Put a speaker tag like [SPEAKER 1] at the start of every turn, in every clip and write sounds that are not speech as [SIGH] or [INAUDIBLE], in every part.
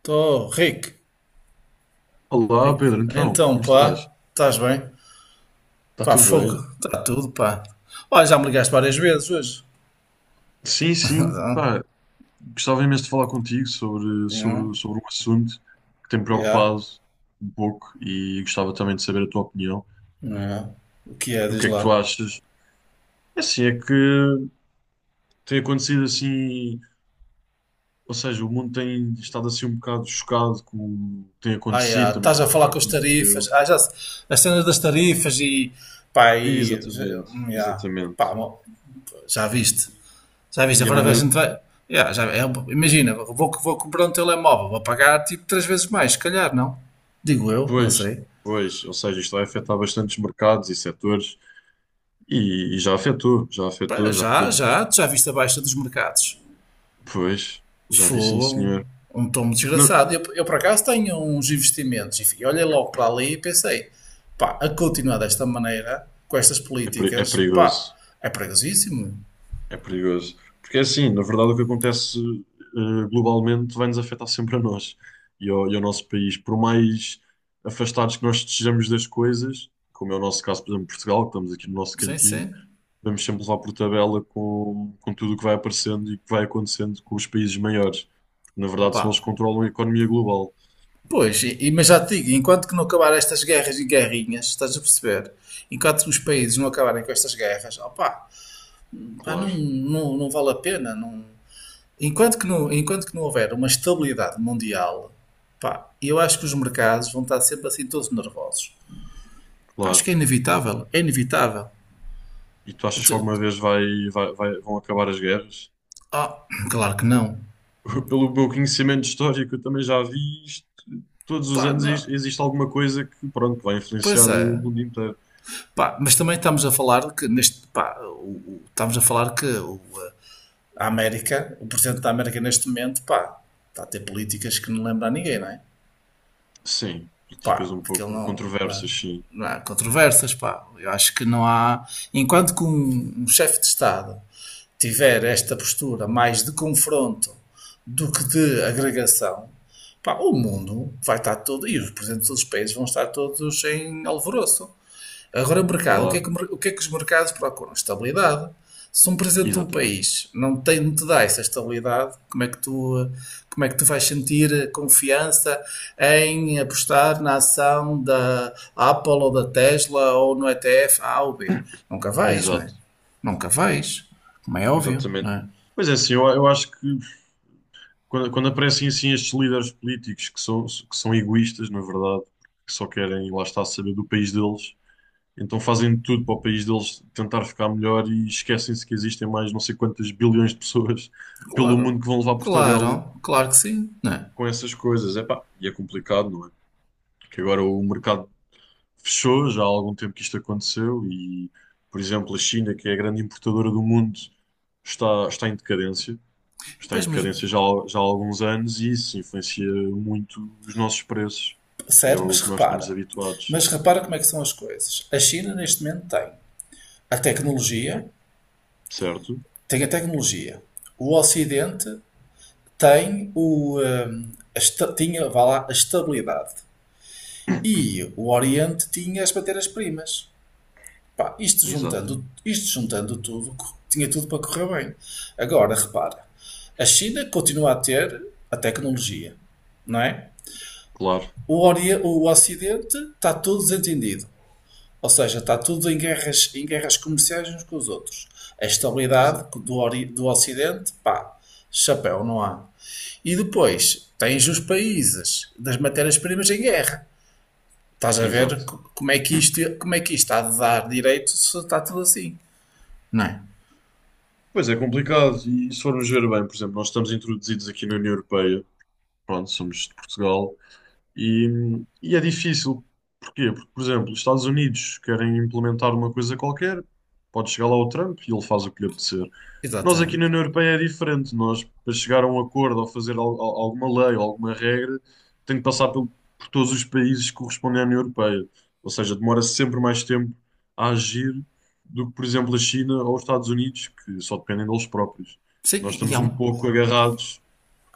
[SPEAKER 1] Tô, Rick,
[SPEAKER 2] Olá
[SPEAKER 1] Rick.
[SPEAKER 2] Pedro, então,
[SPEAKER 1] Então,
[SPEAKER 2] como estás?
[SPEAKER 1] pá, estás bem?
[SPEAKER 2] Está
[SPEAKER 1] Pá,
[SPEAKER 2] tudo
[SPEAKER 1] fogo,
[SPEAKER 2] bem?
[SPEAKER 1] está tudo, pá. Olha, já me ligaste várias vezes hoje. [LAUGHS]
[SPEAKER 2] Sim, sim,
[SPEAKER 1] Ah,
[SPEAKER 2] pá, gostava imenso de falar contigo sobre,
[SPEAKER 1] yeah,
[SPEAKER 2] sobre, sobre um assunto que tem me
[SPEAKER 1] yeah,
[SPEAKER 2] preocupado um pouco e gostava também de saber a tua opinião.
[SPEAKER 1] yeah. O que é,
[SPEAKER 2] O
[SPEAKER 1] diz
[SPEAKER 2] que é que tu
[SPEAKER 1] lá?
[SPEAKER 2] achas? É assim, é que tem acontecido assim, ou seja, o mundo tem estado assim um bocado chocado com o que tem
[SPEAKER 1] Ah,
[SPEAKER 2] acontecido,
[SPEAKER 1] yeah,
[SPEAKER 2] também
[SPEAKER 1] estás
[SPEAKER 2] com o
[SPEAKER 1] a
[SPEAKER 2] que
[SPEAKER 1] falar
[SPEAKER 2] já
[SPEAKER 1] com as tarifas.
[SPEAKER 2] aconteceu.
[SPEAKER 1] Ah, já, se- as cenas das tarifas e, pá,
[SPEAKER 2] Exatamente,
[SPEAKER 1] yeah, pá,
[SPEAKER 2] exatamente.
[SPEAKER 1] já viste. Já viste,
[SPEAKER 2] E a
[SPEAKER 1] agora a
[SPEAKER 2] maneira,
[SPEAKER 1] gente vai, yeah, já, é, imagina, vou comprar um telemóvel, vou pagar tipo três vezes mais, se calhar, não? Digo eu, não
[SPEAKER 2] pois,
[SPEAKER 1] sei.
[SPEAKER 2] pois, ou seja, isto vai afetar bastantes mercados e setores. E já afetou, já
[SPEAKER 1] Pá,
[SPEAKER 2] afetou, já podemos.
[SPEAKER 1] Já, tu já viste a baixa dos mercados.
[SPEAKER 2] Pois, já vi sim,
[SPEAKER 1] Fogo,
[SPEAKER 2] senhor.
[SPEAKER 1] um tomo
[SPEAKER 2] Porque não,
[SPEAKER 1] desgraçado. Eu por acaso tenho uns investimentos e olhei logo para ali e pensei, pá, a continuar desta maneira, com estas
[SPEAKER 2] é, é
[SPEAKER 1] políticas, pá,
[SPEAKER 2] perigoso,
[SPEAKER 1] é perigosíssimo.
[SPEAKER 2] é perigoso. Porque é assim, na verdade, o que acontece globalmente vai-nos afetar sempre a nós e ao nosso país. Por mais afastados que nós estejamos das coisas, como é o nosso caso, por exemplo, Portugal, que estamos aqui no nosso
[SPEAKER 1] Sim,
[SPEAKER 2] cantinho,
[SPEAKER 1] sim.
[SPEAKER 2] vamos sempre levar por tabela com tudo o que vai aparecendo e que vai acontecendo com os países maiores. Porque, na verdade, são eles
[SPEAKER 1] Pá.
[SPEAKER 2] que controlam a economia global.
[SPEAKER 1] Pois, mas já te digo, enquanto que não acabar estas guerras e guerrinhas, estás a perceber? Enquanto os países não acabarem com estas guerras, opá, pá,
[SPEAKER 2] Claro,
[SPEAKER 1] não vale a pena, não. Enquanto que não houver uma estabilidade mundial, pá, eu acho que os mercados vão estar sempre assim todos nervosos. Pá, acho
[SPEAKER 2] claro.
[SPEAKER 1] que é inevitável, é inevitável.
[SPEAKER 2] E tu achas que
[SPEAKER 1] Tu-
[SPEAKER 2] alguma vez vai, vão acabar as guerras?
[SPEAKER 1] Ah, claro que não.
[SPEAKER 2] [LAUGHS] Pelo meu conhecimento histórico, eu também já vi isto. Todos os
[SPEAKER 1] Pá,
[SPEAKER 2] anos
[SPEAKER 1] não.
[SPEAKER 2] existe alguma coisa que, pronto, vai influenciar
[SPEAKER 1] Pois
[SPEAKER 2] o
[SPEAKER 1] é.
[SPEAKER 2] mundo inteiro.
[SPEAKER 1] Pá, mas também estamos a falar que neste, pá, estamos a falar que o, a América, o presidente da América neste momento, pá, está a ter políticas que não lembra a ninguém, não é?
[SPEAKER 2] Sim, políticas
[SPEAKER 1] Pá,
[SPEAKER 2] um
[SPEAKER 1] porque ele
[SPEAKER 2] pouco
[SPEAKER 1] não,
[SPEAKER 2] controversas, sim,
[SPEAKER 1] não há controvérsias, pá. Eu acho que não há, enquanto que um chefe de Estado tiver esta postura mais de confronto do que de agregação, pá, o mundo vai estar todo, e os presidentes dos países vão estar todos em alvoroço. Agora, o mercado,
[SPEAKER 2] claro.
[SPEAKER 1] o que é que os mercados procuram? Estabilidade. Se um presidente de um
[SPEAKER 2] Exatamente.
[SPEAKER 1] país não tem, não te dá essa estabilidade, como é que tu, como é que tu vais sentir confiança em apostar na ação da Apple ou da Tesla ou no ETF A ou B? Nunca vais, não é?
[SPEAKER 2] Exato.
[SPEAKER 1] Nunca vais, como é óbvio, não
[SPEAKER 2] Exatamente.
[SPEAKER 1] é?
[SPEAKER 2] Mas é assim, eu acho que quando aparecem assim estes líderes políticos que são egoístas, na verdade, que só querem, lá está, saber do país deles, então fazem tudo para o país deles tentar ficar melhor e esquecem-se que existem mais não sei quantas bilhões de pessoas [LAUGHS] pelo mundo
[SPEAKER 1] Claro,
[SPEAKER 2] que vão levar por tabela
[SPEAKER 1] claro, claro que sim, não é?
[SPEAKER 2] com essas coisas. Epá, e é complicado, não é? Que agora o mercado fechou, já há algum tempo que isto aconteceu e, por exemplo, a China, que é a grande importadora do mundo, está, está em decadência. Está em
[SPEAKER 1] Pois, mas,
[SPEAKER 2] decadência já, já há alguns anos e isso influencia muito os nossos preços e é
[SPEAKER 1] sério,
[SPEAKER 2] que nós estamos habituados,
[SPEAKER 1] mas repara como é que são as coisas. A China neste momento tem a tecnologia,
[SPEAKER 2] certo?
[SPEAKER 1] tem a tecnologia. O Ocidente tem o, tinha, vá lá, a estabilidade. E o Oriente tinha as matérias-primas. Pá,
[SPEAKER 2] Exato.
[SPEAKER 1] isto juntando tudo, tinha tudo para correr bem. Agora, repara, a China continua a ter a tecnologia, não é?
[SPEAKER 2] Claro,
[SPEAKER 1] O Ocidente está todo desentendido. Ou seja, está tudo em guerras comerciais uns com os outros. A estabilidade
[SPEAKER 2] exato.
[SPEAKER 1] do Ocidente, pá, chapéu, não há. E depois tens os países das matérias-primas em guerra. Estás a
[SPEAKER 2] Exato.
[SPEAKER 1] ver como é que isto está a dar direito se está tudo assim. Não é?
[SPEAKER 2] Pois é complicado, e se formos ver bem, por exemplo, nós estamos introduzidos aqui na União Europeia, pronto, somos de Portugal. E, e é difícil. Porquê? Porque, por exemplo, os Estados Unidos querem implementar uma coisa qualquer, pode chegar lá o Trump e ele faz o que lhe apetecer. Nós aqui na
[SPEAKER 1] Exatamente.
[SPEAKER 2] União Europeia é diferente. Nós, para chegar a um acordo ou fazer alguma lei ou alguma regra, tem que passar por todos os países que correspondem à União Europeia. Ou seja, demora sempre mais tempo a agir do que, por exemplo, a China ou os Estados Unidos, que só dependem deles próprios.
[SPEAKER 1] Sim,
[SPEAKER 2] Nós
[SPEAKER 1] e
[SPEAKER 2] estamos
[SPEAKER 1] há
[SPEAKER 2] um
[SPEAKER 1] um.
[SPEAKER 2] pouco agarrados,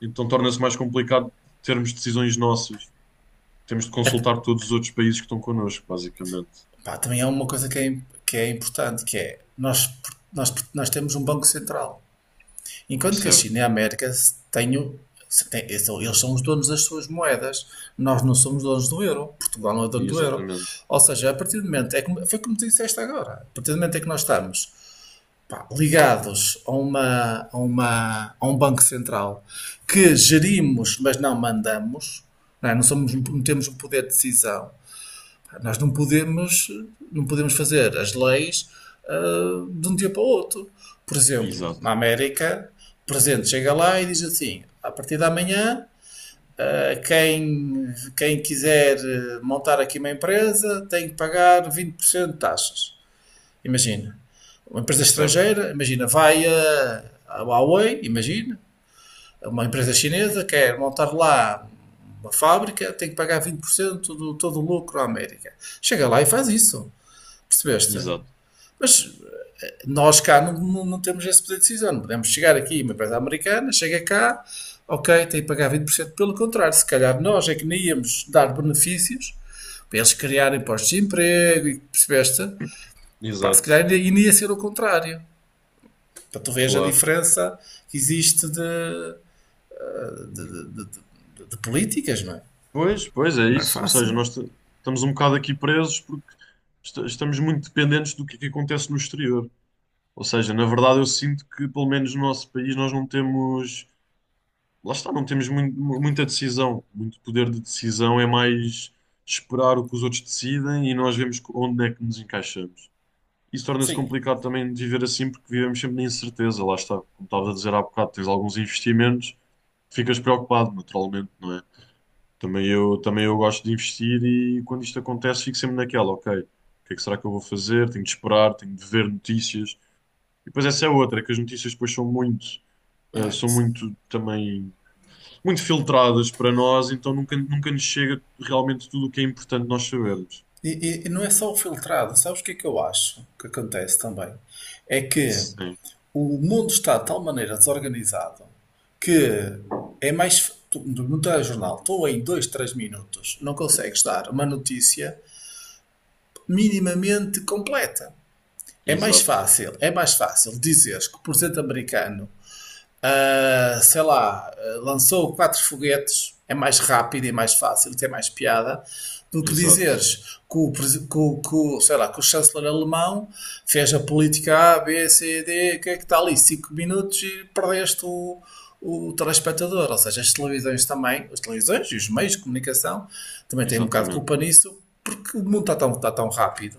[SPEAKER 2] então torna-se mais complicado termos decisões nossas. Temos de
[SPEAKER 1] Até-
[SPEAKER 2] consultar todos os outros países que estão connosco, basicamente.
[SPEAKER 1] pá, também há uma coisa que é importante, que é nós temos um Banco Central. Enquanto que a
[SPEAKER 2] Certo.
[SPEAKER 1] China e a América têm, eles são os donos das suas moedas, nós não somos donos do euro, Portugal não é dono do euro.
[SPEAKER 2] Exatamente.
[SPEAKER 1] Ou seja, a partir do momento, foi como tu disseste agora, a partir do momento em que nós estamos pá, ligados a, a um banco central que gerimos, mas não mandamos, não, é? Não temos um poder de decisão, nós não podemos, não podemos fazer as leis de um dia para o outro. Por exemplo,
[SPEAKER 2] Exato.
[SPEAKER 1] na América, o presidente chega lá e diz assim: a partir de amanhã, quem quiser montar aqui uma empresa tem que pagar 20% de taxas. Imagina. Uma empresa
[SPEAKER 2] Certo.
[SPEAKER 1] estrangeira, imagina, a Huawei, imagina, uma empresa chinesa quer montar lá uma fábrica, tem que pagar 20% do todo o lucro à América. Chega lá e faz isso. Percebeste?
[SPEAKER 2] Exato.
[SPEAKER 1] Mas nós cá não temos esse poder de decisão. Não podemos chegar aqui, uma empresa americana chega cá, ok, tem que pagar vinte por cento. Pelo contrário, se calhar nós é que nem íamos dar benefícios para eles criarem postos de emprego, e percebeste? Pá, se calhar
[SPEAKER 2] Exato.
[SPEAKER 1] ainda, ainda ia ser o contrário. Para tu veres a
[SPEAKER 2] Claro.
[SPEAKER 1] diferença que existe de políticas, não é?
[SPEAKER 2] Pois, pois é
[SPEAKER 1] E não é
[SPEAKER 2] isso. Ou seja,
[SPEAKER 1] fácil.
[SPEAKER 2] estamos um bocado aqui presos porque estamos muito dependentes do que é que acontece no exterior. Ou seja, na verdade, eu sinto que, pelo menos no nosso país, nós não temos. Lá está, não temos muita decisão. Muito poder de decisão é mais esperar o que os outros decidem e nós vemos onde é que nos encaixamos. Isso torna-se
[SPEAKER 1] Sim.
[SPEAKER 2] complicado também de viver assim, porque vivemos sempre na incerteza, lá está. Como estava a dizer há bocado, tens alguns investimentos, ficas preocupado, naturalmente, não é? Também eu gosto de investir e quando isto acontece, fico sempre naquela, ok, o que é que será que eu vou fazer? Tenho de esperar, tenho de ver notícias. E depois essa é outra, que as notícias depois são muito,
[SPEAKER 1] é?
[SPEAKER 2] são muito também, muito filtradas para nós, então nunca nos chega realmente tudo o que é importante nós sabermos.
[SPEAKER 1] E não é só o filtrado. Sabes o que é que eu acho que acontece também? É que
[SPEAKER 2] Sim,
[SPEAKER 1] o mundo está de tal maneira desorganizado que é mais. Tu, no telejornal, tu em dois três minutos não consegues dar uma notícia minimamente completa.
[SPEAKER 2] exato,
[SPEAKER 1] É mais fácil dizeres que o presidente americano lançou quatro foguetes, é mais rápido e mais fácil, tem mais piada, do que
[SPEAKER 2] exato,
[SPEAKER 1] dizeres que o, sei lá, que o chanceler alemão fez a política A, B, C, D, o que é que está ali? Cinco minutos e perdeste o telespectador. Ou seja, as televisões também, as televisões e os meios de comunicação também têm um bocado de culpa
[SPEAKER 2] exatamente.
[SPEAKER 1] nisso, porque o mundo está tão rápido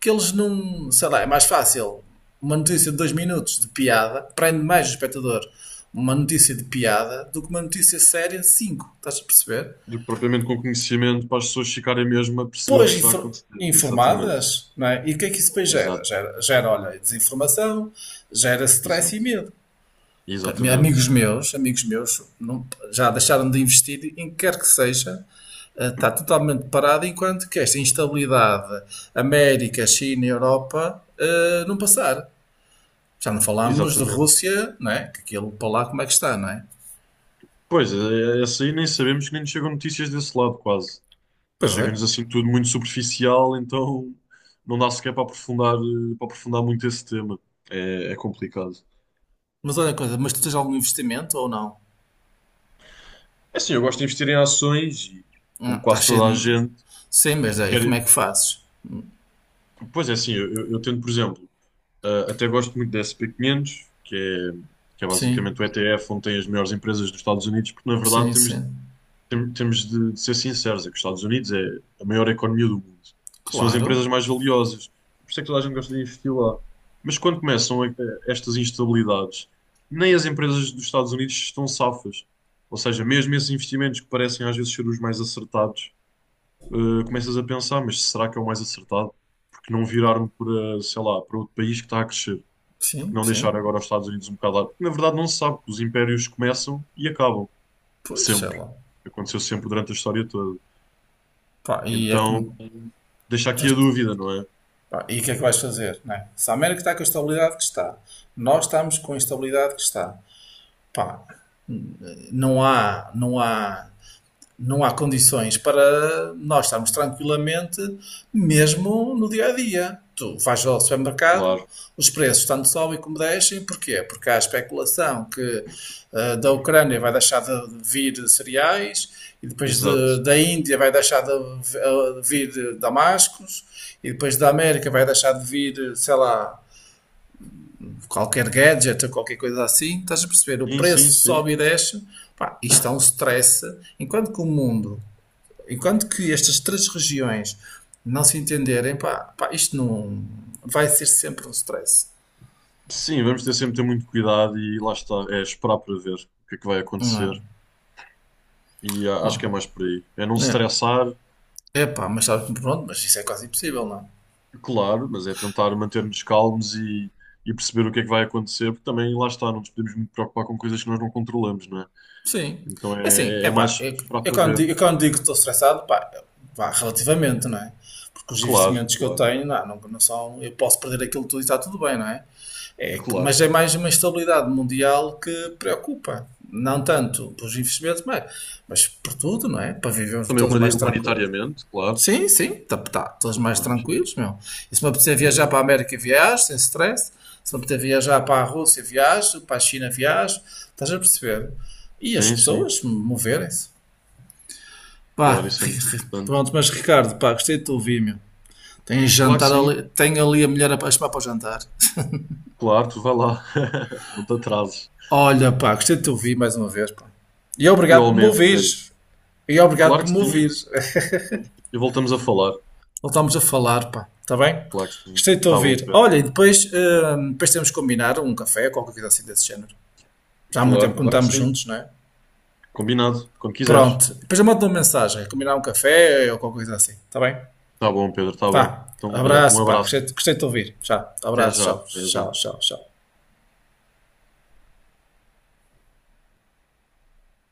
[SPEAKER 1] que eles não. Sei lá, é mais fácil. Uma notícia de dois minutos de piada prende mais o espectador uma notícia de piada do que uma notícia séria de 5. Estás a perceber?
[SPEAKER 2] Do que propriamente com conhecimento para as pessoas ficarem mesmo a perceber o que
[SPEAKER 1] Pois
[SPEAKER 2] é que está a acontecer. Exatamente.
[SPEAKER 1] informadas, não é? E o que é que isso depois gera?
[SPEAKER 2] Exato.
[SPEAKER 1] Gera olha, desinformação, gera stress e
[SPEAKER 2] Exato.
[SPEAKER 1] medo.
[SPEAKER 2] Exatamente.
[SPEAKER 1] Amigos meus, já deixaram de investir em que quer que seja, está totalmente parado enquanto que esta instabilidade América, China e Europa não passar. Já não falámos de
[SPEAKER 2] Exatamente.
[SPEAKER 1] Rússia, não é? Que aquilo para lá como é que está, não é?
[SPEAKER 2] Pois, essa aí nem sabemos, que nem nos chegam notícias desse lado, quase.
[SPEAKER 1] Pois é.
[SPEAKER 2] Chega-nos assim tudo muito superficial, então não dá sequer para aprofundar, para aprofundar muito esse tema. É, é complicado.
[SPEAKER 1] Mas olha a coisa, mas tu tens algum investimento ou não?
[SPEAKER 2] É assim, eu gosto de investir em ações e, como
[SPEAKER 1] Está
[SPEAKER 2] quase
[SPEAKER 1] cheio
[SPEAKER 2] toda a
[SPEAKER 1] de.
[SPEAKER 2] gente,
[SPEAKER 1] Sim, mas aí como
[SPEAKER 2] quer...
[SPEAKER 1] é que fazes?
[SPEAKER 2] Pois é assim, eu tento, por exemplo. Até gosto muito da SP500, que é
[SPEAKER 1] Sim,
[SPEAKER 2] basicamente o ETF onde tem as melhores empresas dos Estados Unidos, porque na verdade
[SPEAKER 1] sim,
[SPEAKER 2] temos,
[SPEAKER 1] sim.
[SPEAKER 2] temos de ser sinceros, é que os Estados Unidos é a maior economia do mundo e são as empresas
[SPEAKER 1] Claro,
[SPEAKER 2] mais valiosas. Por isso é que toda a gente gosta de investir lá. Mas quando começam estas instabilidades, nem as empresas dos Estados Unidos estão safas. Ou seja, mesmo esses investimentos que parecem às vezes ser os mais acertados, começas a pensar, mas será que é o mais acertado? Porque não viraram para, sei lá, para outro país que está a crescer? Porque
[SPEAKER 1] sim,
[SPEAKER 2] não deixar
[SPEAKER 1] sim.
[SPEAKER 2] agora os Estados Unidos um bocado lá? Porque na verdade não se sabe, que os impérios começam e acabam,
[SPEAKER 1] Pois sei
[SPEAKER 2] sempre.
[SPEAKER 1] lá.
[SPEAKER 2] Aconteceu sempre durante a história toda.
[SPEAKER 1] Pá, e é
[SPEAKER 2] Então,
[SPEAKER 1] como.
[SPEAKER 2] deixa aqui a
[SPEAKER 1] tens-
[SPEAKER 2] dúvida, não é?
[SPEAKER 1] pá, e o que é que vais fazer? Não é? Se a América está com a estabilidade que está, nós estamos com a instabilidade que está. Pá, não há. Não há condições para nós estarmos tranquilamente, mesmo no dia a dia. Tu vais ao supermercado,
[SPEAKER 2] Claro,
[SPEAKER 1] os preços tanto sobem como descem, porquê? Porque há a especulação que da Ucrânia vai deixar de vir cereais, e depois
[SPEAKER 2] exato.
[SPEAKER 1] da Índia vai deixar de vir damascos, e depois da América vai deixar de vir, sei lá, qualquer gadget ou qualquer coisa assim. Estás a perceber? O
[SPEAKER 2] Sim, sim,
[SPEAKER 1] preço
[SPEAKER 2] sim.
[SPEAKER 1] sobe e desce. Pá, isto é um stress. Enquanto que o mundo Enquanto que estas três regiões não se entenderem, pá, pá, isto não vai ser sempre um stress.
[SPEAKER 2] Sim, vamos ter sempre ter muito cuidado e lá está, é esperar para ver o que é que vai
[SPEAKER 1] Não é?
[SPEAKER 2] acontecer. E ah, acho que
[SPEAKER 1] Oh,
[SPEAKER 2] é mais por aí. É não se
[SPEAKER 1] é.
[SPEAKER 2] estressar,
[SPEAKER 1] É pá, mas sabe, pronto, mas isso é quase impossível, não é?
[SPEAKER 2] claro, mas é tentar manter-nos calmos e perceber o que é que vai acontecer, porque também lá está, não nos podemos muito preocupar com coisas que nós não controlamos, não é?
[SPEAKER 1] Sim.
[SPEAKER 2] Então
[SPEAKER 1] É assim,
[SPEAKER 2] é,
[SPEAKER 1] é
[SPEAKER 2] é
[SPEAKER 1] pá,
[SPEAKER 2] mais
[SPEAKER 1] eu,
[SPEAKER 2] esperar para ver.
[SPEAKER 1] eu quando digo que estou estressado, pá, vá, relativamente, não é? Porque os
[SPEAKER 2] Claro,
[SPEAKER 1] investimentos que eu
[SPEAKER 2] claro,
[SPEAKER 1] tenho, não são, eu posso perder aquilo tudo e está tudo bem, não é?
[SPEAKER 2] claro.
[SPEAKER 1] Mas é mais uma estabilidade mundial que preocupa. Não tanto pelos investimentos, mas por tudo, não é? Para vivermos
[SPEAKER 2] Também
[SPEAKER 1] todos mais tranquilos.
[SPEAKER 2] humanitariamente, claro,
[SPEAKER 1] Sim, sim, tá, tá, todos
[SPEAKER 2] tudo
[SPEAKER 1] mais
[SPEAKER 2] mais.
[SPEAKER 1] tranquilos, meu. E se me apetecer viajar para
[SPEAKER 2] Exato.
[SPEAKER 1] a América, viajo, sem stress. Se me apetecer viajar para a Rússia, viajo, para a China, viajo. Estás a perceber? E as
[SPEAKER 2] Sim, sim,
[SPEAKER 1] pessoas moverem-se.
[SPEAKER 2] claro,
[SPEAKER 1] Pá,
[SPEAKER 2] isso é muito
[SPEAKER 1] [LAUGHS]
[SPEAKER 2] importante.
[SPEAKER 1] pronto, mas Ricardo, pá, gostei de te ouvir, meu. Tem
[SPEAKER 2] E claro que
[SPEAKER 1] jantar
[SPEAKER 2] sim,
[SPEAKER 1] ali, tem ali a mulher a chamar para o jantar.
[SPEAKER 2] claro, tu vai lá, [LAUGHS] não te atrases.
[SPEAKER 1] Olha, pá, gostei de te ouvir mais uma vez, pá. E obrigado por me
[SPEAKER 2] Igualmente, Pedro.
[SPEAKER 1] ouvires. E obrigado
[SPEAKER 2] Claro
[SPEAKER 1] por
[SPEAKER 2] que
[SPEAKER 1] me
[SPEAKER 2] sim,
[SPEAKER 1] ouvires.
[SPEAKER 2] e voltamos a falar.
[SPEAKER 1] Voltámos a falar, pá. Está bem?
[SPEAKER 2] Claro que sim,
[SPEAKER 1] Gostei de te
[SPEAKER 2] tá bom,
[SPEAKER 1] ouvir.
[SPEAKER 2] Pedro.
[SPEAKER 1] Olha, e depois, depois temos que combinar um café, qualquer coisa assim desse género. Já há muito tempo
[SPEAKER 2] Claro,
[SPEAKER 1] que não
[SPEAKER 2] claro que
[SPEAKER 1] estamos
[SPEAKER 2] sim.
[SPEAKER 1] juntos, não é?
[SPEAKER 2] Combinado, quando quiseres.
[SPEAKER 1] Pronto. Depois eu mando uma mensagem. Combinar um café ou qualquer coisa assim. Está bem?
[SPEAKER 2] Tá bom, Pedro, tá bom.
[SPEAKER 1] Pá.
[SPEAKER 2] Então, olha, um
[SPEAKER 1] Abraço, pá. Gostei,
[SPEAKER 2] abraço.
[SPEAKER 1] gostei de te ouvir. Tchau.
[SPEAKER 2] Até
[SPEAKER 1] Abraço.
[SPEAKER 2] já,
[SPEAKER 1] Tchau.
[SPEAKER 2] até já.
[SPEAKER 1] Tchau, tchau, tchau.